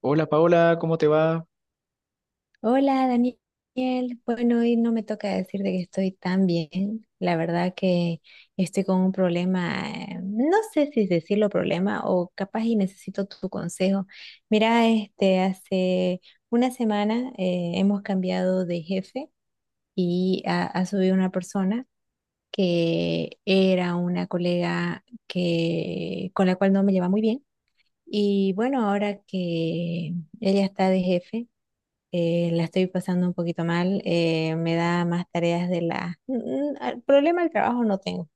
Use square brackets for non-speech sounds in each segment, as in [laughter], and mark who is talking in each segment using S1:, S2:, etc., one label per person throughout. S1: Hola Paola, ¿cómo te va?
S2: Hola Daniel, bueno, hoy no me toca decir de que estoy tan bien. La verdad que estoy con un problema, no sé si decirlo problema o capaz y necesito tu consejo. Mira, este, hace una semana hemos cambiado de jefe y ha subido una persona que era una colega que, con la cual no me lleva muy bien. Y bueno, ahora que ella está de jefe la estoy pasando un poquito mal, me da más tareas de la... Mm, ah, Problema del trabajo no tengo,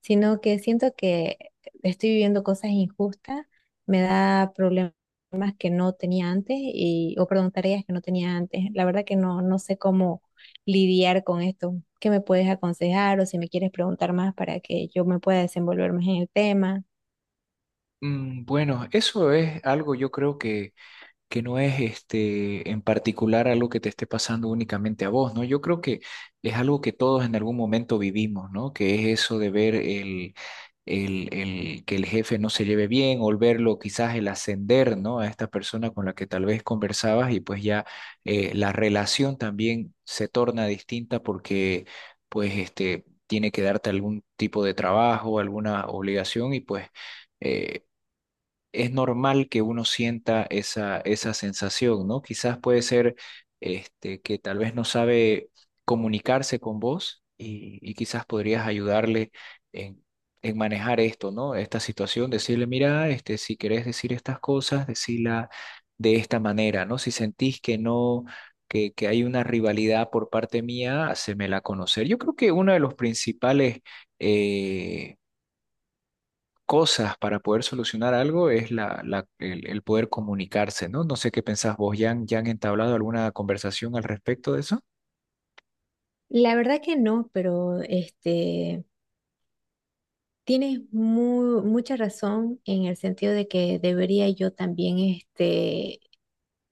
S2: sino que siento que estoy viviendo cosas injustas, me da problemas que no tenía antes, y, o perdón, tareas que no tenía antes. La verdad que no, no sé cómo lidiar con esto. ¿Qué me puedes aconsejar o si me quieres preguntar más para que yo me pueda desenvolver más en el tema?
S1: Bueno, eso es algo yo creo que no es este, en particular algo que te esté pasando únicamente a vos, ¿no? Yo creo que es algo que todos en algún momento vivimos, ¿no? Que es eso de ver el que el jefe no se lleve bien o el verlo, quizás el ascender, ¿no? A esta persona con la que tal vez conversabas y pues ya la relación también se torna distinta porque pues este tiene que darte algún tipo de trabajo, alguna obligación y pues... eh, es normal que uno sienta esa sensación, ¿no? Quizás puede ser este, que tal vez no sabe comunicarse con vos y quizás podrías ayudarle en, en manejar esto, ¿no? Esta situación, decirle, mira, este, si querés decir estas cosas, decila de esta manera, ¿no? Si sentís que no. Que hay una rivalidad por parte mía, hacémela conocer. Yo creo que uno de los principales eh, cosas para poder solucionar algo es el poder comunicarse, ¿no? No sé qué pensás vos, ¿ya han entablado alguna conversación al respecto de eso?
S2: La verdad que no, pero este... Tienes mucha razón en el sentido de que debería yo también, este,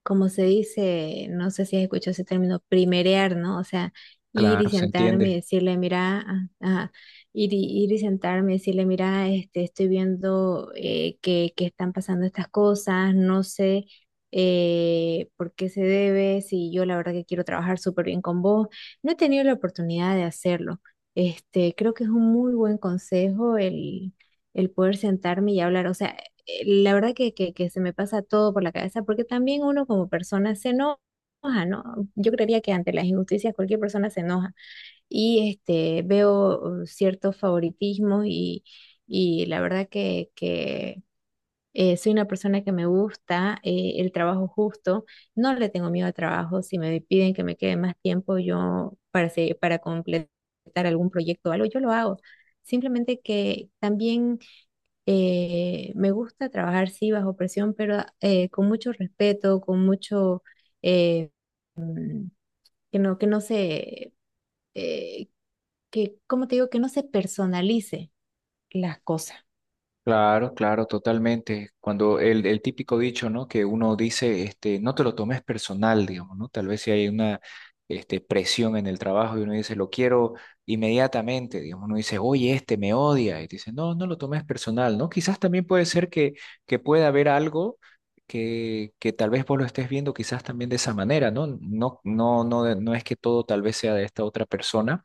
S2: como se dice, no sé si has escuchado ese término, primerear, ¿no? O sea, ir y
S1: Claro, se
S2: sentarme y
S1: entiende.
S2: decirle, mira, ah, ah, ir y sentarme y decirle, mira, este, estoy viendo que están pasando estas cosas, no sé por qué se debe, si yo la verdad que quiero trabajar súper bien con vos, no he tenido la oportunidad de hacerlo. Este, creo que es un muy buen consejo el poder sentarme y hablar. O sea, la verdad que, que se me pasa todo por la cabeza, porque también uno como persona se enoja, ¿no? Yo creería que ante las injusticias cualquier persona se enoja y este, veo ciertos favoritismos y la verdad que, que soy una persona que me gusta el trabajo justo, no le tengo miedo al trabajo, si me piden que me quede más tiempo yo para completar algún proyecto o algo, yo lo hago. Simplemente que también me gusta trabajar, sí, bajo presión, pero con mucho respeto, con mucho, eh, que no, que no se, eh, que, ¿cómo te digo? Que no se personalice las cosas.
S1: Claro, claro, totalmente. Cuando el típico dicho, ¿no? Que uno dice, este, no te lo tomes personal, digamos, ¿no? Tal vez si hay una, este, presión en el trabajo y uno dice, lo quiero inmediatamente, digamos, uno dice, oye, este me odia, y te dice, no, no lo tomes personal, ¿no? Quizás también puede ser que pueda haber algo que tal vez vos lo estés viendo quizás también de esa manera, ¿no? No, no, no, no es que todo tal vez sea de esta otra persona.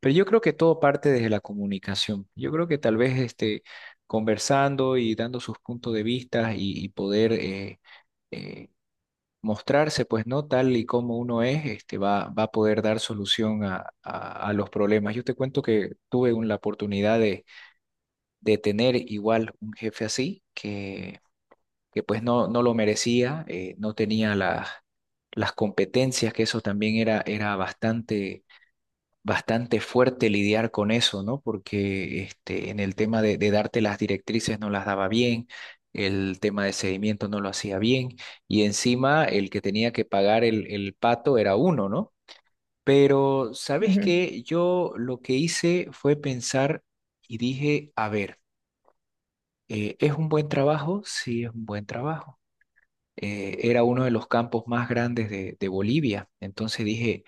S1: Pero yo creo que todo parte desde la comunicación. Yo creo que tal vez este, conversando y dando sus puntos de vista y poder eh, mostrarse, pues no tal y como uno es, este, va, va a poder dar solución a los problemas. Yo te cuento que tuve la oportunidad de tener igual un jefe así, que pues no, no lo merecía, no tenía las competencias, que eso también era bastante fuerte lidiar con eso, ¿no? Porque este, en el tema de darte las directrices no las daba bien, el tema de seguimiento no lo hacía bien, y encima el que tenía que pagar el pato era uno, ¿no? Pero, ¿sabes
S2: Ujú.
S1: qué? Yo lo que hice fue pensar y dije, a ver, ¿es un buen trabajo? Sí, es un buen trabajo. Era uno de los campos más grandes de Bolivia. Entonces dije,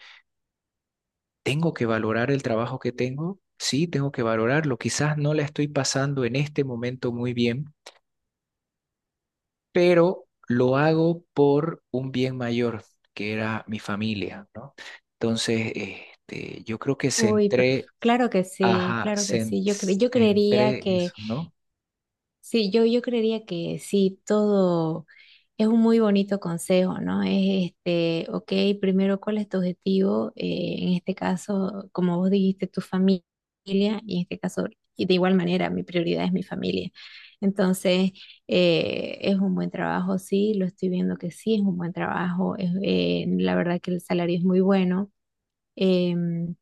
S1: tengo que valorar el trabajo que tengo, sí, tengo que valorarlo. Quizás no la estoy pasando en este momento muy bien, pero lo hago por un bien mayor, que era mi familia, ¿no? Entonces, este, yo creo que
S2: Uy, pero
S1: centré,
S2: claro que sí,
S1: ajá,
S2: claro que sí. Yo creería
S1: centré eso,
S2: que
S1: ¿no?
S2: sí, yo creería que sí, todo es un muy bonito consejo, ¿no? Es este, ok, primero, ¿cuál es tu objetivo? En este caso, como vos dijiste, tu familia, y en este caso, y de igual manera, mi prioridad es mi familia. Entonces, es un buen trabajo, sí, lo estoy viendo que sí, es un buen trabajo. La verdad que el salario es muy bueno. em,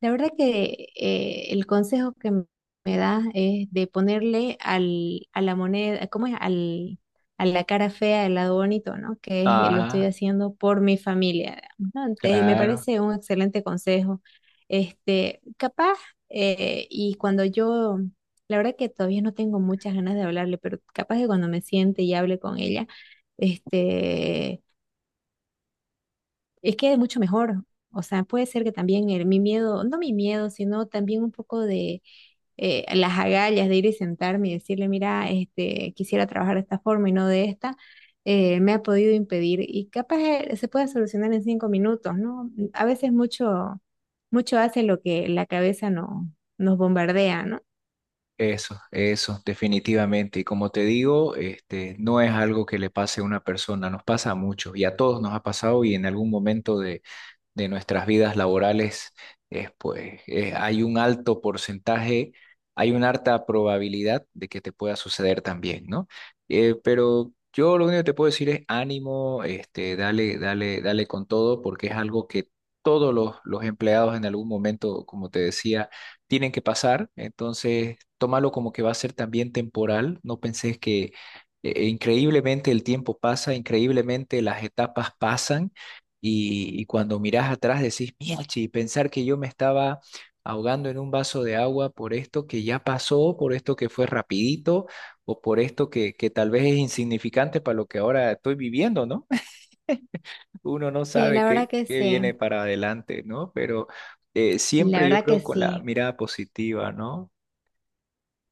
S2: la verdad que el consejo que me das es de ponerle a la moneda, ¿cómo es? A la cara fea el lado bonito, ¿no? Que es, lo estoy
S1: Ajá,
S2: haciendo por mi familia, digamos, ¿no? Entonces, me
S1: claro.
S2: parece un excelente consejo. Este, capaz, y cuando yo, la verdad que todavía no tengo muchas ganas de hablarle, pero capaz que cuando me siente y hable con ella, este es que es mucho mejor. O sea, puede ser que también mi miedo, no mi miedo, sino también un poco de las agallas de ir y sentarme y decirle, mira, este, quisiera trabajar de esta forma y no de esta, me ha podido impedir. Y capaz se puede solucionar en 5 minutos, ¿no? A veces mucho, mucho hace lo que la cabeza no, nos bombardea, ¿no?
S1: Eso, definitivamente. Y como te digo, este, no es algo que le pase a una persona, nos pasa a muchos y a todos nos ha pasado y en algún momento de nuestras vidas laborales, es, pues hay un alto porcentaje, hay una alta probabilidad de que te pueda suceder también, ¿no? Pero yo lo único que te puedo decir es ánimo, este, dale, dale, dale con todo, porque es algo que todos los empleados en algún momento, como te decía, tienen que pasar. Entonces, tómalo como que va a ser también temporal. No penses que increíblemente el tiempo pasa, increíblemente las etapas pasan y cuando mirás atrás decís, mierda, pensar que yo me estaba ahogando en un vaso de agua por esto que ya pasó, por esto que fue rapidito, o por esto que tal vez es insignificante para lo que ahora estoy viviendo, ¿no? [laughs] Uno no
S2: Sí,
S1: sabe
S2: la verdad
S1: qué,
S2: que
S1: qué
S2: sí,
S1: viene para adelante, ¿no? Pero
S2: la
S1: siempre yo
S2: verdad que
S1: creo con la
S2: sí.
S1: mirada positiva, ¿no?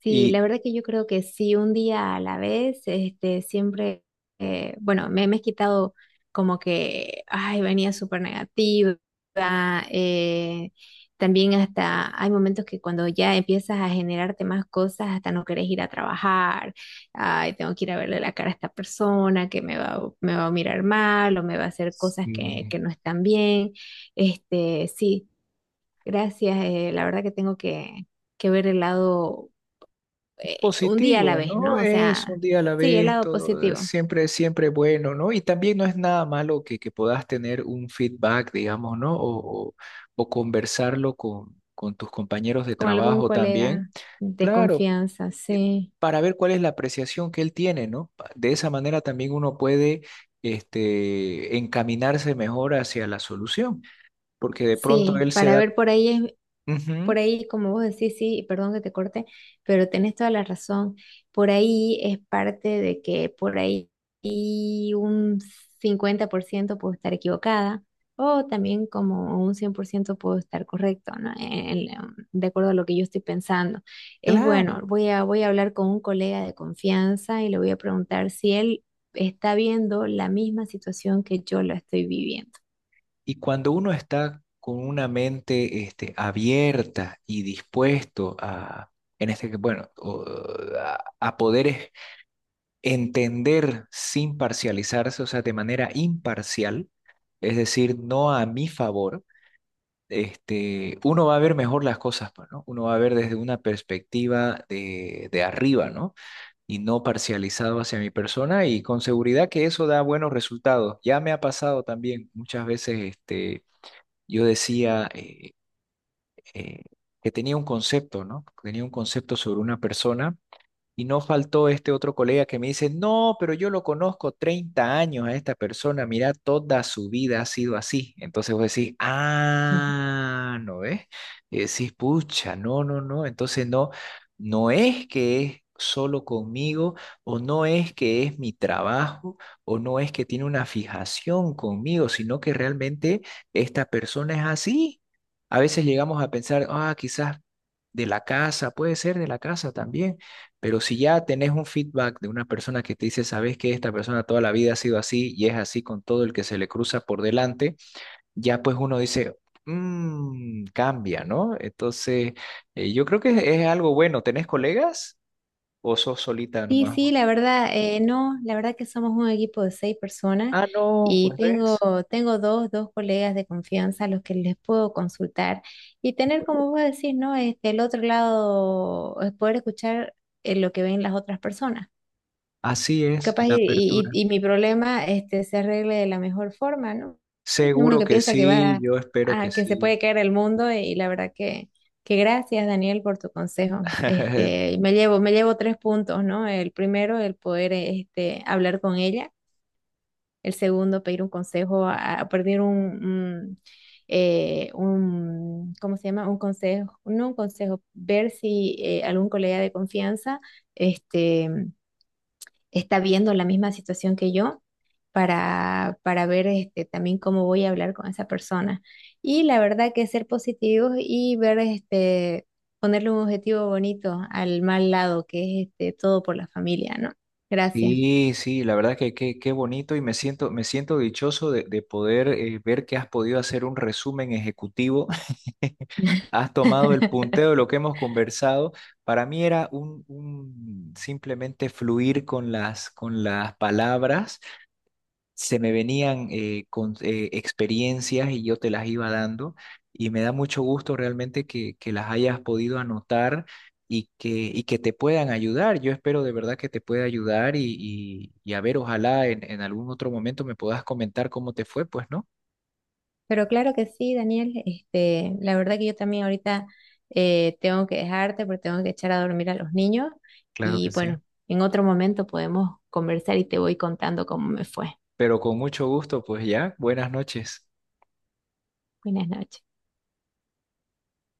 S2: Sí,
S1: Y,
S2: la verdad que yo creo que sí, un día a la vez, este, siempre, bueno, me he quitado como que, ay, venía súper negativa, eh, también hasta hay momentos que cuando ya empiezas a generarte más cosas, hasta no querés ir a trabajar, ay, tengo que ir a verle la cara a esta persona que me va a mirar mal o me va a hacer cosas
S1: Sí.
S2: que no están bien, este, sí, gracias, la verdad que tengo que ver el lado un día a la
S1: Positivo,
S2: vez,
S1: ¿no?
S2: ¿no? O
S1: Es un
S2: sea,
S1: día a la
S2: sí, el
S1: vez,
S2: lado
S1: todo es
S2: positivo,
S1: siempre, siempre bueno, ¿no? Y también no es nada malo que puedas tener un feedback, digamos, ¿no? O conversarlo con tus compañeros de
S2: con algún
S1: trabajo también.
S2: colega de
S1: Claro,
S2: confianza,
S1: eh,
S2: sí,
S1: para ver cuál es la apreciación que él tiene, ¿no? De esa manera también uno puede, este, encaminarse mejor hacia la solución, porque de pronto
S2: sí,
S1: él se
S2: para
S1: da.
S2: ver por ahí es.
S1: Ujú,
S2: Por ahí, como vos decís, sí, y perdón que te corte, pero tenés toda la razón. Por ahí es parte de que por ahí y un 50% puedo estar equivocada o también como un 100% puedo estar correcto, ¿no? De acuerdo a lo que yo estoy pensando. Es
S1: claro.
S2: bueno, voy a hablar con un colega de confianza y le voy a preguntar si él está viendo la misma situación que yo la estoy viviendo.
S1: Y cuando uno está con una mente este, abierta y dispuesto a, en este, bueno, a poder entender sin parcializarse, o sea, de manera imparcial, es decir, no a mi favor, este, uno va a ver mejor las cosas, pues, ¿no? Uno va a ver desde una perspectiva de arriba, ¿no? Y no parcializado hacia mi persona y con seguridad que eso da buenos resultados. Ya me ha pasado también muchas veces, este yo decía eh, que tenía un concepto, ¿no? Tenía un concepto sobre una persona y no faltó este otro colega que me dice, no, pero yo lo conozco 30 años a esta persona, mira, toda su vida ha sido así. Entonces vos decís, ah, ¿no ves? Y decís, pucha, no, no, no. Entonces no, no es que es solo conmigo, o no es que es mi trabajo, o no es que tiene una fijación conmigo, sino que realmente esta persona es así. A veces llegamos a pensar, ah, quizás de la casa, puede ser de la casa también, pero si ya tenés un feedback de una persona que te dice, sabes que esta persona toda la vida ha sido así y es así con todo el que se le cruza por delante, ya pues uno dice, Mm, cambia, ¿no? Entonces, yo creo que es algo bueno. ¿Tenés colegas o sos solita
S2: Sí,
S1: nomás,
S2: sí, la
S1: vos?
S2: verdad, no, la verdad que somos un equipo de seis personas
S1: Ah, no,
S2: y
S1: pues
S2: tengo,
S1: ves.
S2: tengo dos colegas de confianza a los que les puedo consultar y tener, como vos decís, ¿no? Este, el otro lado, poder escuchar lo que ven las otras personas.
S1: Así es
S2: Capaz
S1: la
S2: y, y-
S1: apertura.
S2: y mi problema este, se arregle de la mejor forma, ¿no? Uno
S1: Seguro
S2: que
S1: que
S2: piensa que
S1: sí, yo espero que
S2: a que se
S1: sí.
S2: puede caer el mundo y la verdad que gracias, Daniel, por tu consejo.
S1: [laughs]
S2: Este, me llevo tres puntos, ¿no? El primero, el poder este, hablar con ella. El segundo, pedir un consejo, a pedir un, ¿cómo se llama? Un consejo, no un consejo, ver si algún colega de confianza este, está viendo la misma situación que yo para ver este, también cómo voy a hablar con esa persona. Y la verdad que ser positivos y ver, este, ponerle un objetivo bonito al mal lado, que es este, todo por la familia, ¿no? Gracias.
S1: Sí, sí, la verdad que qué bonito y me siento dichoso de poder ver que has podido hacer un resumen ejecutivo. [laughs] Has tomado el punteo de
S2: [laughs]
S1: lo que hemos conversado. Para mí era un simplemente fluir con las palabras se me venían con experiencias y yo te las iba dando y me da mucho gusto realmente que las hayas podido anotar y que te puedan ayudar. Yo espero de verdad que te pueda ayudar y a ver, ojalá en algún otro momento me puedas comentar cómo te fue, pues, ¿no?
S2: Pero claro que sí, Daniel, este, la verdad que yo también ahorita tengo que dejarte porque tengo que echar a dormir a los niños
S1: Claro
S2: y
S1: que sí.
S2: bueno, en otro momento podemos conversar y te voy contando cómo me fue.
S1: Pero con mucho gusto, pues ya, buenas noches.
S2: Buenas noches.